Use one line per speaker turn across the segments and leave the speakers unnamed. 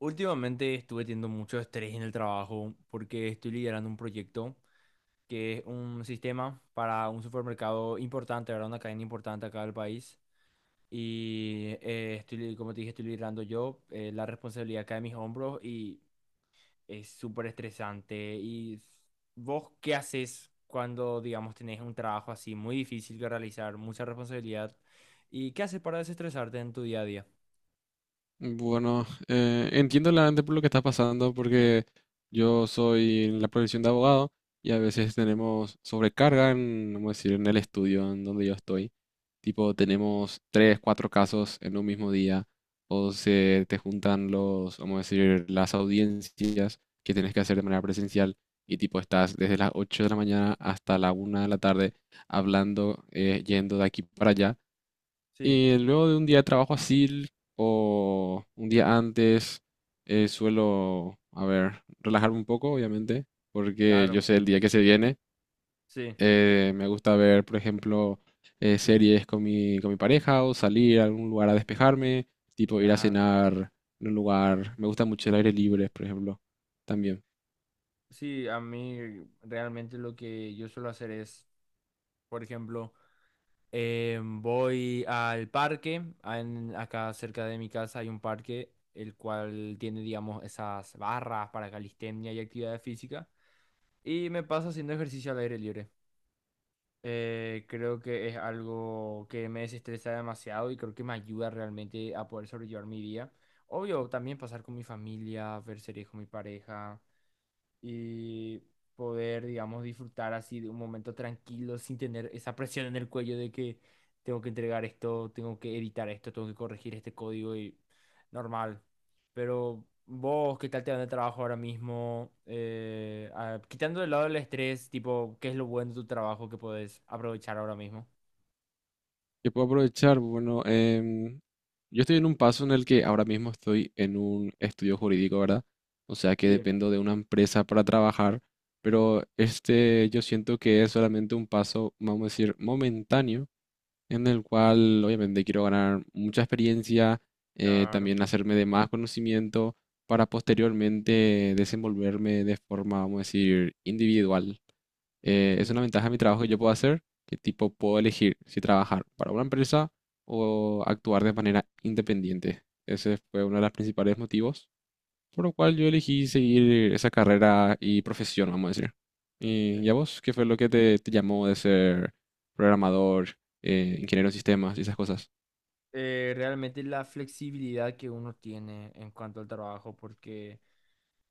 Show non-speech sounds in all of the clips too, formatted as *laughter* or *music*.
Últimamente estuve teniendo mucho estrés en el trabajo porque estoy liderando un proyecto que es un sistema para un supermercado importante, ¿verdad? Una cadena importante acá del país. Y como te dije, estoy liderando yo. La responsabilidad cae en mis hombros y es súper estresante. ¿Y vos qué haces cuando, digamos, tenés un trabajo así muy difícil que realizar, mucha responsabilidad? ¿Y qué haces para desestresarte en tu día a día?
Bueno, entiendo realmente por lo que está pasando, porque yo soy en la profesión de abogado y a veces tenemos sobrecarga en, vamos a decir, en el estudio en donde yo estoy. Tipo, tenemos tres, cuatro casos en un mismo día, o se te juntan los, vamos a decir, las audiencias que tienes que hacer de manera presencial y tipo estás desde las 8 de la mañana hasta la 1 de la tarde hablando, yendo de aquí para allá.
Sí,
Y luego de un día de trabajo así o un día antes, suelo, a ver, relajarme un poco, obviamente, porque yo
claro,
sé el día que se viene.
sí.
Me gusta ver, por ejemplo, series con con mi pareja o salir a algún lugar a despejarme, tipo ir a
Claro.
cenar en un lugar. Me gusta mucho el aire libre, por ejemplo, también.
Sí, a mí realmente lo que yo suelo hacer es, por ejemplo, voy al parque, acá cerca de mi casa hay un parque, el cual tiene, digamos, esas barras para calistenia y actividad física, y me paso haciendo ejercicio al aire libre. Creo que es algo que me desestresa demasiado y creo que me ayuda realmente a poder sobrellevar mi día. Obvio, también pasar con mi familia, ver series con mi pareja, y poder, digamos, disfrutar así de un momento tranquilo sin tener esa presión en el cuello de que tengo que entregar esto, tengo que editar esto, tengo que corregir este código y normal. Pero vos, ¿qué tal te va en el trabajo ahora mismo? Quitando de lado el estrés, tipo, ¿qué es lo bueno de tu trabajo que podés aprovechar ahora mismo?
Yo puedo aprovechar, bueno, yo estoy en un paso en el que ahora mismo estoy en un estudio jurídico, ¿verdad? O sea que
Sí,
dependo de una empresa para trabajar, pero este yo siento que es solamente un paso, vamos a decir, momentáneo, en el cual obviamente quiero ganar mucha experiencia,
claro.
también hacerme de más conocimiento para posteriormente desenvolverme de forma, vamos a decir, individual. Es
Sí.
una ventaja de mi trabajo que yo puedo hacer, que tipo puedo elegir si trabajar para una empresa o actuar de manera independiente. Ese fue uno de los principales motivos por lo cual yo elegí seguir esa carrera y profesión, vamos a decir. ¿Y, a vos qué fue lo que te llamó de ser programador, ingeniero en sistemas y esas cosas?
Realmente la flexibilidad que uno tiene en cuanto al trabajo, porque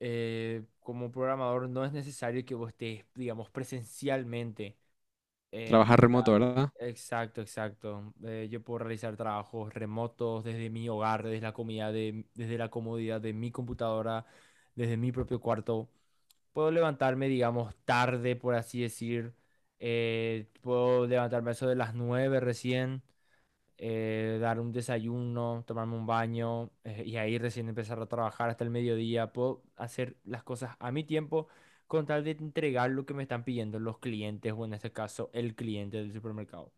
como programador no es necesario que vos estés, digamos, presencialmente
Trabajar
en
remoto,
la...
¿verdad?
Exacto, exacto. Yo puedo realizar trabajos remotos desde mi hogar, desde la comodidad de mi computadora, desde mi propio cuarto. Puedo levantarme, digamos, tarde, por así decir. Puedo levantarme a eso de las 9 recién, dar un desayuno, tomarme un baño, y ahí recién empezar a trabajar hasta el mediodía. Puedo hacer las cosas a mi tiempo con tal de entregar lo que me están pidiendo los clientes o en este caso el cliente del supermercado.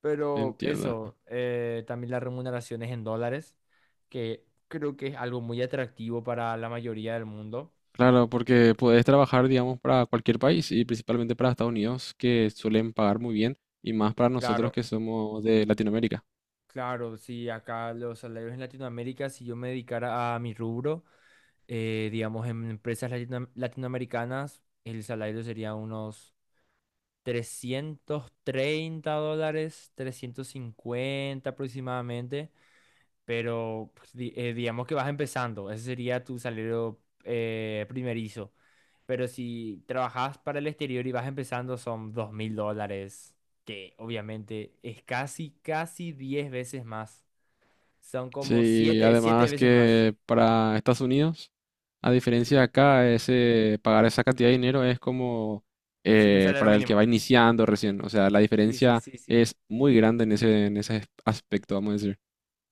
Pero
Entiendo.
eso, también las remuneraciones en dólares, que creo que es algo muy atractivo para la mayoría del mundo.
Claro, porque puedes trabajar, digamos, para cualquier país y principalmente para Estados Unidos, que suelen pagar muy bien, y más para nosotros
Claro,
que somos de Latinoamérica.
claro, si acá los salarios en Latinoamérica, si yo me dedicara a mi rubro, digamos, en empresas latinoamericanas, el salario sería unos $330, 350 aproximadamente, pero pues, digamos que vas empezando, ese sería tu salario primerizo. Pero si trabajas para el exterior y vas empezando, son $2,000, que obviamente es casi, casi 10 veces más. Son como
Sí,
siete
además
veces más.
que para Estados Unidos, a diferencia de
Sí.
acá, ese, pagar esa cantidad de dinero es como
Sí, un salario
para el que
mínimo.
va iniciando recién. O sea, la
Sí, sí,
diferencia
sí, sí.
es muy grande en ese aspecto, vamos a decir.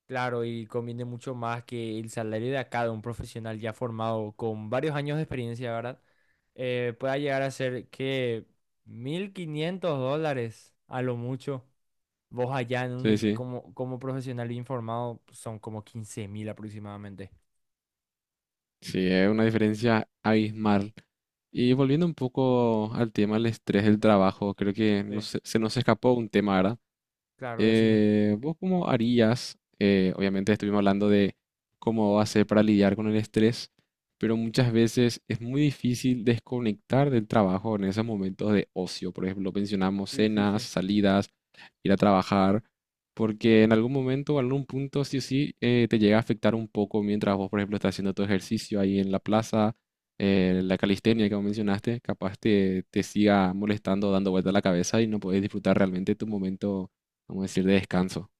Claro, y conviene mucho más que el salario de acá de un profesional ya formado con varios años de experiencia, ¿verdad? Pueda llegar a ser que $1,500 a lo mucho. Vos allá en
Sí,
un,
sí.
como profesional informado son como 15.000 aproximadamente.
Sí, es una diferencia abismal. Y volviendo un poco al tema del estrés del trabajo, creo que no
Sí.
se, se nos escapó un tema, ¿verdad?
Claro, decime.
¿Vos cómo harías? Obviamente estuvimos hablando de cómo hacer para lidiar con el estrés, pero muchas veces es muy difícil desconectar del trabajo en esos momentos de ocio. Por ejemplo, mencionamos
Sí, sí, sí.
cenas, salidas, ir a trabajar, porque en algún momento o algún punto sí o sí te llega a afectar un poco mientras vos, por ejemplo, estás haciendo tu ejercicio ahí en la plaza, la calistenia que vos mencionaste, capaz te siga molestando, dando vuelta la cabeza y no podés disfrutar realmente tu momento, vamos a decir, de descanso.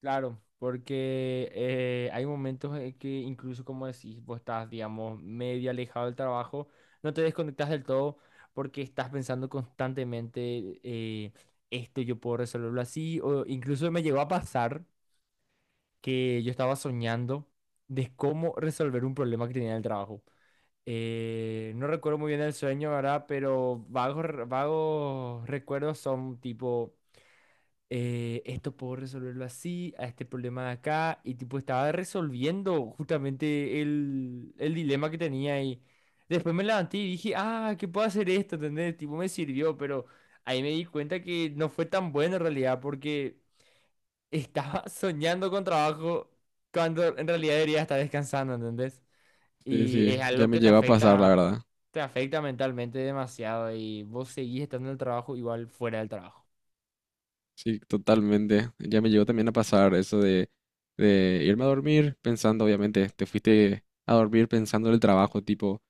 Claro, porque hay momentos en que incluso como decís, vos estás, digamos, medio alejado del trabajo, no te desconectas del todo porque estás pensando constantemente, esto yo puedo resolverlo así, o incluso me llegó a pasar que yo estaba soñando de cómo resolver un problema que tenía en el trabajo. No recuerdo muy bien el sueño, ¿verdad? Pero vagos, vagos recuerdos son tipo, esto puedo resolverlo así, a este problema de acá, y tipo estaba resolviendo justamente el dilema que tenía y después me levanté y dije, ah, que puedo hacer esto, ¿entendés? Tipo, me sirvió, pero ahí me di cuenta que no fue tan bueno en realidad, porque estaba *laughs* soñando con trabajo cuando en realidad debería estar descansando, ¿entendés?
Sí,
Y es
sí, ya
algo
me
que
llegó a pasar, la verdad.
te afecta mentalmente demasiado y vos seguís estando en el trabajo igual fuera del trabajo.
Sí, totalmente. Ya me llegó también a pasar eso de irme a dormir pensando, obviamente, te fuiste a dormir pensando en el trabajo, tipo,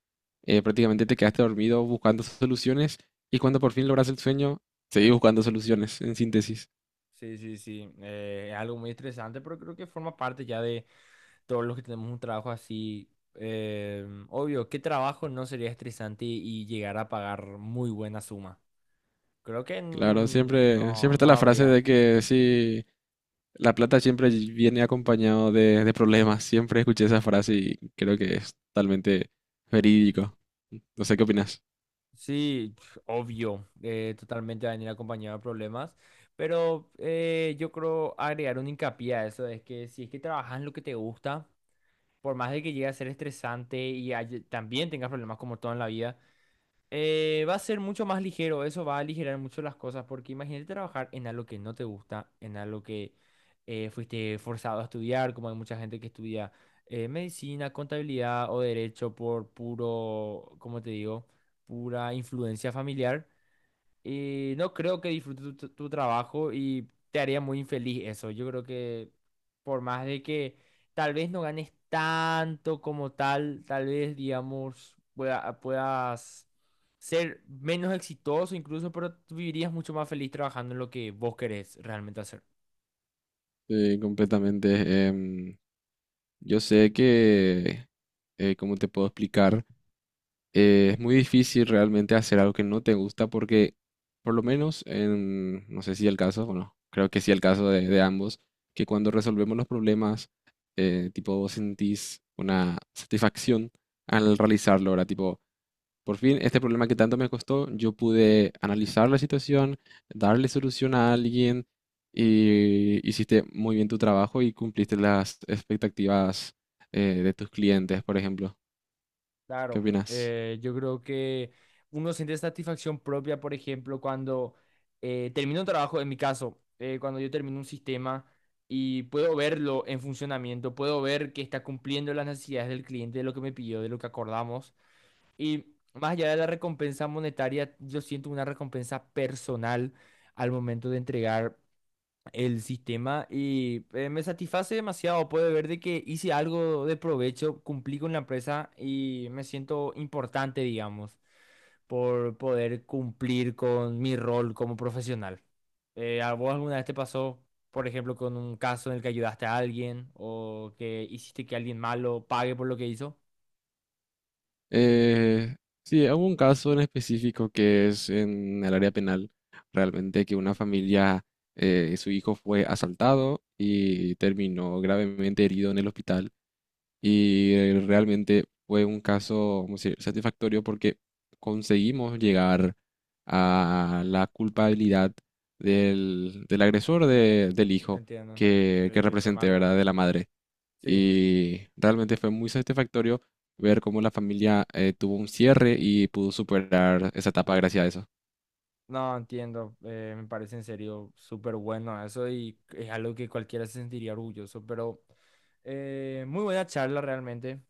prácticamente te quedaste dormido buscando soluciones y cuando por fin logras el sueño, seguís buscando soluciones, en síntesis.
Sí, sí, sí. Es algo muy estresante, pero creo que forma parte ya de todos los que tenemos un trabajo así. Obvio, ¿qué trabajo no sería estresante y llegar a pagar muy buena suma? Creo que
Claro, siempre, siempre
no,
está
no
la frase
habría.
de que sí, la plata siempre viene acompañado de problemas. Siempre escuché esa frase y creo que es totalmente verídico. No sé qué opinas.
Sí, *sniffs* obvio, totalmente va a venir acompañado de problemas, pero yo creo agregar un hincapié a eso, es que si es que trabajas en lo que te gusta, por más de que llegue a ser estresante y también tengas problemas como todo en la vida, va a ser mucho más ligero, eso va a aligerar mucho las cosas, porque imagínate trabajar en algo que no te gusta, en algo que fuiste forzado a estudiar, como hay mucha gente que estudia medicina, contabilidad o derecho por puro, ¿cómo te digo? Pura influencia familiar. Y no creo que disfrutes tu trabajo y te haría muy infeliz eso. Yo creo que por más de que tal vez no ganes tanto como tal vez, digamos, puedas ser menos exitoso incluso, pero tú vivirías mucho más feliz trabajando en lo que vos querés realmente hacer.
Sí, completamente. Yo sé que, ¿cómo te puedo explicar? Es muy difícil realmente hacer algo que no te gusta porque, por lo menos, en, no sé si el caso, bueno, creo que sí el caso de ambos, que cuando resolvemos los problemas, tipo, vos sentís una satisfacción al realizarlo, ¿verdad? Tipo, por fin, este problema que tanto me costó, yo pude analizar la situación, darle solución a alguien y hiciste muy bien tu trabajo y cumpliste las expectativas, de tus clientes, por ejemplo. ¿Qué
Claro,
opinas?
yo creo que uno siente satisfacción propia, por ejemplo, cuando termino un trabajo, en mi caso, cuando yo termino un sistema y puedo verlo en funcionamiento, puedo ver que está cumpliendo las necesidades del cliente, de lo que me pidió, de lo que acordamos. Y más allá de la recompensa monetaria, yo siento una recompensa personal al momento de entregar el sistema y me satisface demasiado poder ver de que hice algo de provecho, cumplí con la empresa y me siento importante, digamos, por poder cumplir con mi rol como profesional. ¿A vos alguna vez te pasó, por ejemplo, con un caso en el que ayudaste a alguien o que hiciste que alguien malo pague por lo que hizo?
Eh, sí, hubo un caso en específico que es en el área penal, realmente que una familia, su hijo fue asaltado y terminó gravemente herido en el hospital y realmente fue un caso, vamos a decir, satisfactorio porque conseguimos llegar a la culpabilidad del agresor de- del hijo
Entiendo.
que
Sí, qué
representé,
malo.
¿verdad? De la madre.
Sí.
Y realmente fue muy satisfactorio ver cómo la familia tuvo un cierre y pudo superar esa etapa gracias a eso.
No, entiendo, me parece en serio súper bueno eso y es algo que cualquiera se sentiría orgulloso, pero muy buena charla realmente.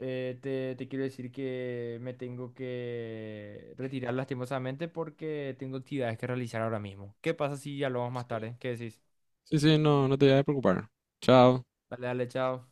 Te quiero decir que me tengo que retirar lastimosamente porque tengo actividades que realizar ahora mismo. ¿Qué pasa si hablamos más tarde? ¿Qué decís?
Sí, sí, no, no te vayas a preocupar. Chao.
Dale, dale, chao.